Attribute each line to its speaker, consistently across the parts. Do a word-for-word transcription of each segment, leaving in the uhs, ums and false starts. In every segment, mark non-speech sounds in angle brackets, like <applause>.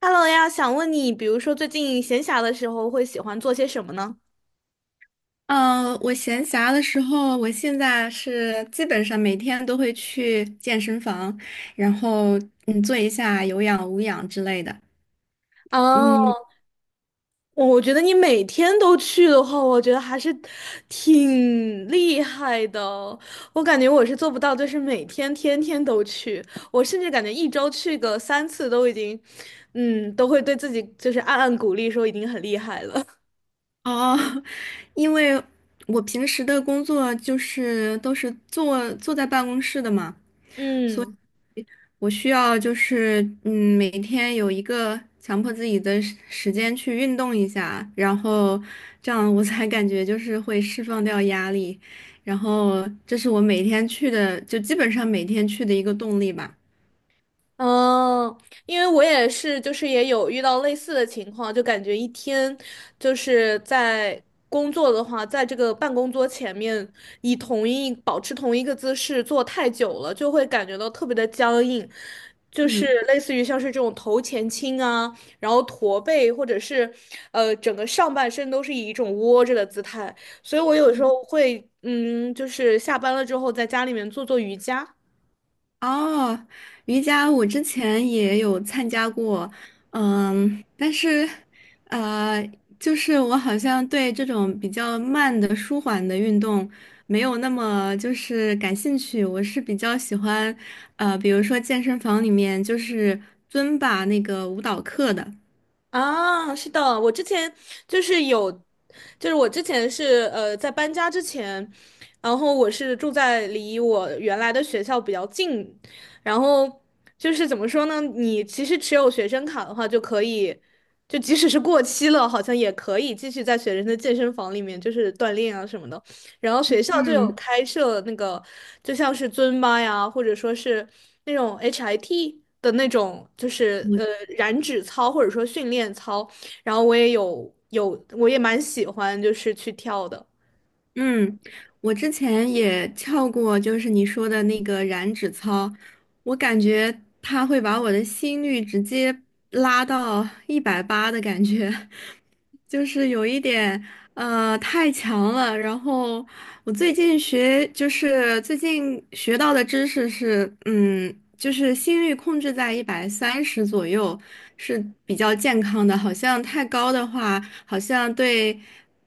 Speaker 1: Hello 呀，想问你，比如说最近闲暇的时候会喜欢做些什么呢？
Speaker 2: 嗯，呃我闲暇的时候，我现在是基本上每天都会去健身房，然后嗯做一下有氧、无氧之类的。嗯，
Speaker 1: 哦，我觉得你每天都去的话，我觉得还是挺厉害的哦。我感觉我是做不到，就是每天天天都去，我甚至感觉一周去个三次都已经，嗯，都会对自己就是暗暗鼓励，说已经很厉害了。<laughs>
Speaker 2: 哦，<laughs> 因为我平时的工作就是都是坐坐在办公室的嘛，
Speaker 1: 嗯。
Speaker 2: 我需要就是嗯，每天有一个强迫自己的时时间去运动一下，然后这样我才感觉就是会释放掉压力，然后这是我每天去的，就基本上每天去的一个动力吧。
Speaker 1: 嗯，因为我也是，就是也有遇到类似的情况，就感觉一天就是在工作的话，在这个办公桌前面，以同一保持同一个姿势坐太久了，就会感觉到特别的僵硬，就是
Speaker 2: 嗯。
Speaker 1: 类似于像是这种头前倾啊，然后驼背，或者是呃整个上半身都是以一种窝着的姿态，所以我有时候会嗯，就是下班了之后在家里面做做瑜伽。
Speaker 2: 哦，瑜伽我之前也有参加过，嗯，但是，呃，就是我好像对这种比较慢的、舒缓的运动没有那么就是感兴趣。我是比较喜欢，呃，比如说健身房里面就是尊巴那个舞蹈课的。
Speaker 1: 啊，是的，我之前就是有，就是我之前是呃在搬家之前，然后我是住在离我原来的学校比较近，然后就是怎么说呢，你其实持有学生卡的话就可以，就即使是过期了，好像也可以继续在学生的健身房里面就是锻炼啊什么的。然后学校就有
Speaker 2: 嗯。
Speaker 1: 开设那个，就像是尊巴呀，或者说是那种 H I T 的那种，就是呃燃脂操或者说训练操。然后我也有有，我也蛮喜欢，就是去跳的。
Speaker 2: 嗯，我之前也跳过，就是你说的那个燃脂操，我感觉它会把我的心率直接拉到一百八的感觉，就是有一点呃太强了。然后我最近学就是最近学到的知识是，嗯，就是心率控制在一百三十左右是比较健康的，好像太高的话，好像对，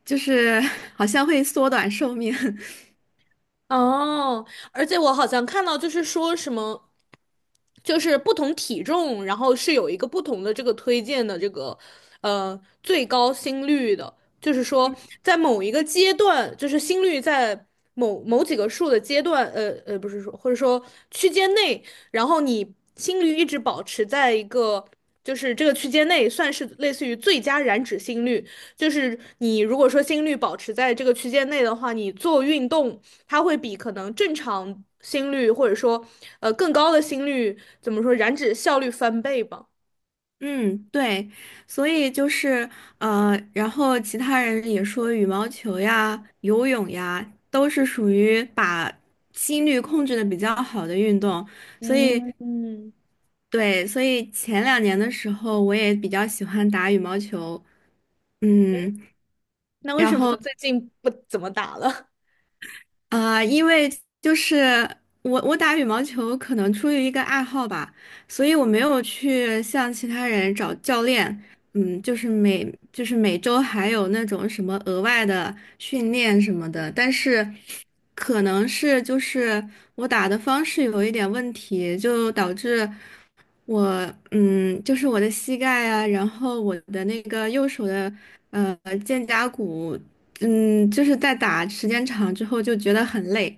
Speaker 2: 就是 <laughs> 好像会缩短寿命。<laughs>
Speaker 1: 哦，而且我好像看到就是说什么。就是不同体重，然后是有一个不同的这个推荐的这个呃最高心率的，就是说在某一个阶段，就是心率在某某几个数的阶段，呃呃不是说或者说区间内，然后你心率一直保持在一个。就是这个区间内算是类似于最佳燃脂心率，就是你如果说心率保持在这个区间内的话，你做运动它会比可能正常心率或者说呃更高的心率怎么说燃脂效率翻倍吧。
Speaker 2: 嗯，对，所以就是呃，然后其他人也说羽毛球呀、游泳呀，都是属于把心率控制的比较好的运动，所以
Speaker 1: 嗯嗯，
Speaker 2: 对，所以前两年的时候我也比较喜欢打羽毛球，嗯，
Speaker 1: 那为
Speaker 2: 然
Speaker 1: 什么
Speaker 2: 后。
Speaker 1: 最近不怎么打了？
Speaker 2: 啊，因为就是我我打羽毛球可能出于一个爱好吧，所以我没有去向其他人找教练，嗯，就是每就是每周还有那种什么额外的训练什么的，但是可能是就是我打的方式有一点问题，就导致我嗯，就是我的膝盖啊，然后我的那个右手的呃肩胛骨嗯，就是在打时间长之后就觉得很累，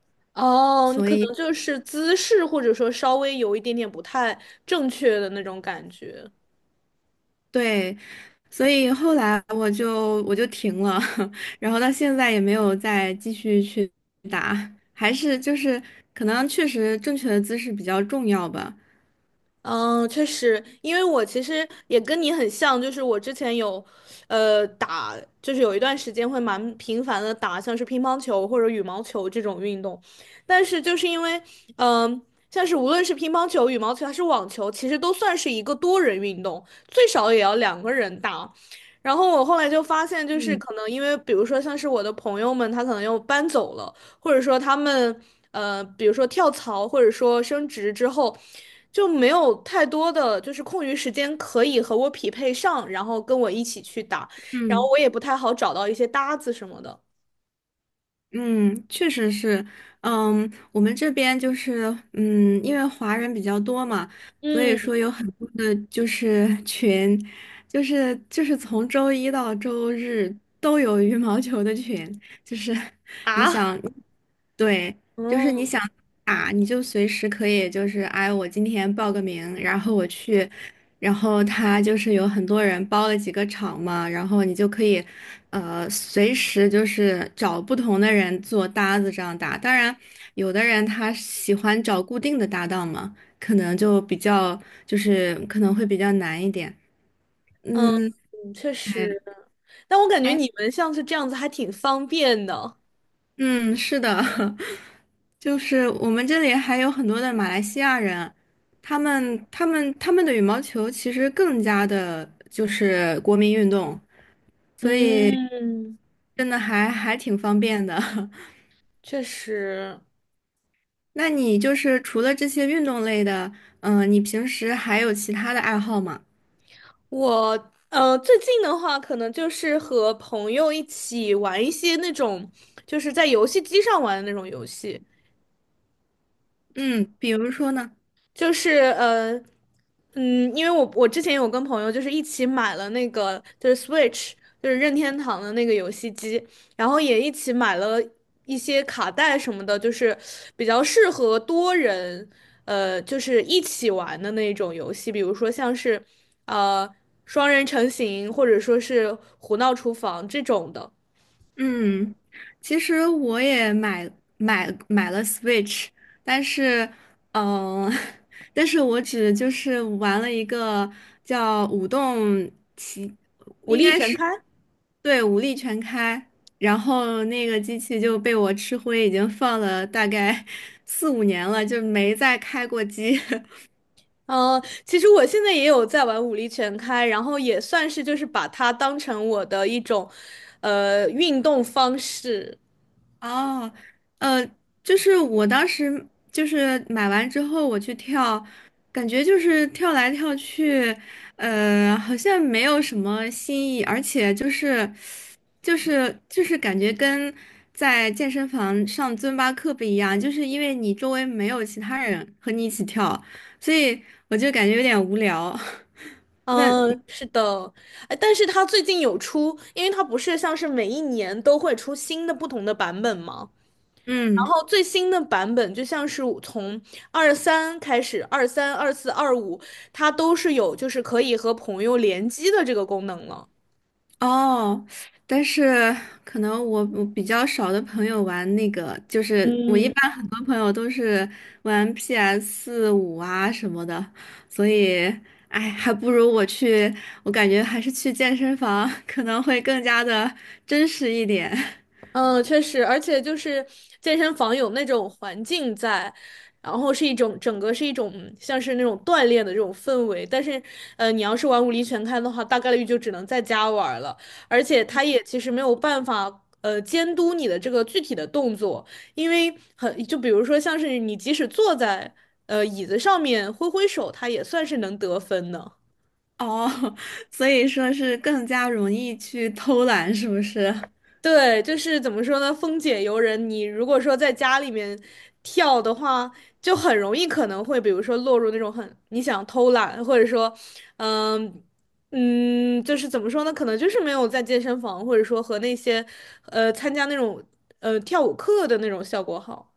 Speaker 1: <laughs> 哦，你
Speaker 2: 所
Speaker 1: 可能
Speaker 2: 以
Speaker 1: 就是姿势或者说稍微有一点点不太正确的那种感觉。
Speaker 2: 对，所以后来我就我就停了，<laughs> 然后到现在也没有再继续去打，还是就是可能确实正确的姿势比较重要吧。
Speaker 1: 嗯，确实，因为我其实也跟你很像，就是我之前有，呃，打，就是有一段时间会蛮频繁的打，像是乒乓球或者羽毛球这种运动，但是就是因为，嗯、像是无论是乒乓球、羽毛球还是网球，其实都算是一个多人运动，最少也要两个人打。然后我后来就发现，就是
Speaker 2: 嗯，
Speaker 1: 可能因为，比如说像是我的朋友们，他可能又搬走了。或者说他们呃，比如说跳槽或者说升职之后，就没有太多的就是空余时间可以和我匹配上，然后跟我一起去打，然后
Speaker 2: 嗯。
Speaker 1: 我也不太好找到一些搭子什么的。
Speaker 2: 嗯，确实是，嗯，我们这边就是，嗯，因为华人比较多嘛，所以
Speaker 1: 嗯
Speaker 2: 说有很多的就是 <laughs> 群，就是就是从周一到周日都有羽毛球的群，就是你
Speaker 1: 啊，
Speaker 2: 想，
Speaker 1: <laughs>
Speaker 2: 对，就是你
Speaker 1: 嗯
Speaker 2: 想打，你就随时可以，就是哎，我今天报个名，然后我去，然后他就是有很多人包了几个场嘛，然后你就可以，呃，随时就是找不同的人做搭子这样搭。当然，有的人他喜欢找固定的搭档嘛，可能就比较就是可能会比较难一点。
Speaker 1: 嗯，
Speaker 2: 嗯，
Speaker 1: 确
Speaker 2: 哎
Speaker 1: 实，但我感觉
Speaker 2: 哎，
Speaker 1: 你们像是这样子还挺方便的。
Speaker 2: 嗯，是的，<laughs> 就是我们这里还有很多的马来西亚人，他们他们他们的羽毛球其实更加的就是国民运动。所以，
Speaker 1: 嗯，
Speaker 2: 真的还还挺方便的。<laughs>
Speaker 1: 确实。
Speaker 2: 那你就是除了这些运动类的，嗯、你平时还有其他的爱好吗？
Speaker 1: 我呃，最近的话，可能就是和朋友一起玩一些那种，就是在游戏机上玩的那种游戏。
Speaker 2: 嗯，比如说呢？
Speaker 1: 就是呃，嗯，因为我我之前有跟朋友就是一起买了那个就是 Switch，就是任天堂的那个游戏机，然后也一起买了一些卡带什么的，就是比较适合多人，呃，就是一起玩的那种游戏，比如说像是呃双人成行，或者说是胡闹厨房这种的，
Speaker 2: 嗯，其实我也买买买了 Switch,但是，嗯、<laughs> 但是我只就是玩了一个叫《舞动奇》，
Speaker 1: 武
Speaker 2: 应
Speaker 1: 力
Speaker 2: 该
Speaker 1: 全
Speaker 2: 是
Speaker 1: 开。
Speaker 2: 对武力全开，然后那个机器就被我吃灰，已经放了大概 <laughs> 四五年了，就没再开过机。<laughs>
Speaker 1: 嗯，其实我现在也有在玩武力全开，然后也算是就是把它当成我的一种，呃，运动方式。
Speaker 2: 哦，呃，就是我当时就是买完之后我去跳，感觉就是跳来跳去，呃，好像没有什么新意，而且就是就是就是感觉跟在健身房上尊巴课不一样，就是因为你周围没有其他人和你一起跳，所以我就感觉有点无聊。<laughs>
Speaker 1: 嗯，是的，哎，但是它最近有出，因为它不是像是每一年都会出新的不同的版本吗？然
Speaker 2: 嗯。
Speaker 1: 后最新的版本就像是从二三开始，二三、二四、二五，它都是有就是可以和朋友联机的这个功能了。
Speaker 2: 哦，但是可能我我比较少的朋友玩那个，就是我一
Speaker 1: 嗯。
Speaker 2: 般很多朋友都是玩 P S 五 五啊什么的，所以哎，还不如我去，我感觉还是去健身房可能会更加的真实一点。<laughs>
Speaker 1: 嗯，确实，而且就是健身房有那种环境在，然后是一种整个是一种像是那种锻炼的这种氛围。但是，呃，你要是玩武力全开的话，大概率就只能在家玩了。而且，他也其实没有办法呃监督你的这个具体的动作，因为很就比如说像是你即使坐在呃椅子上面挥挥手，它也算是能得分的。
Speaker 2: 哦，所以说是更加容易去偷懒，是不是？
Speaker 1: 对，就是怎么说呢？风解游人，你如果说在家里面跳的话，就很容易可能会，比如说落入那种很你想偷懒，或者说，嗯嗯，就是怎么说呢？可能就是没有在健身房，或者说和那些呃参加那种呃跳舞课的那种效果好。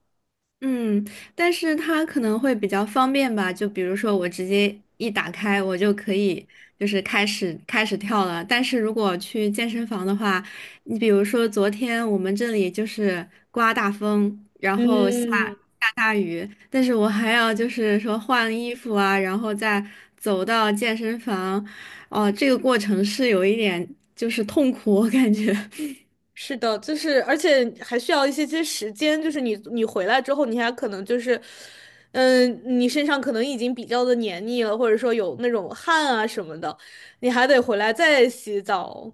Speaker 2: 嗯，但是它可能会比较方便吧，就比如说我直接一打开，我就可以就是开始开始跳了。但是如果去健身房的话，你比如说昨天我们这里就是刮大风，然后下
Speaker 1: 嗯，
Speaker 2: 下大雨，但是我还要就是说换衣服啊，然后再走到健身房，哦、这个过程是有一点就是痛苦，我感觉。
Speaker 1: 是的，就是而且还需要一些些时间，就是你你回来之后，你还可能就是，嗯，你身上可能已经比较的黏腻了，或者说有那种汗啊什么的，你还得回来再洗澡。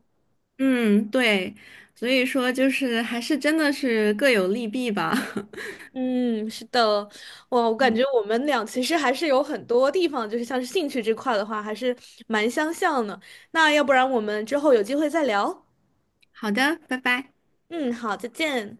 Speaker 2: 嗯，对，所以说就是还是真的是各有利弊吧。<laughs>
Speaker 1: 嗯，是的，哇，我感觉我们俩其实还是有很多地方，就是像是兴趣这块的话，还是蛮相像的。那要不然我们之后有机会再聊。
Speaker 2: 好的，拜拜。
Speaker 1: 嗯，好，再见。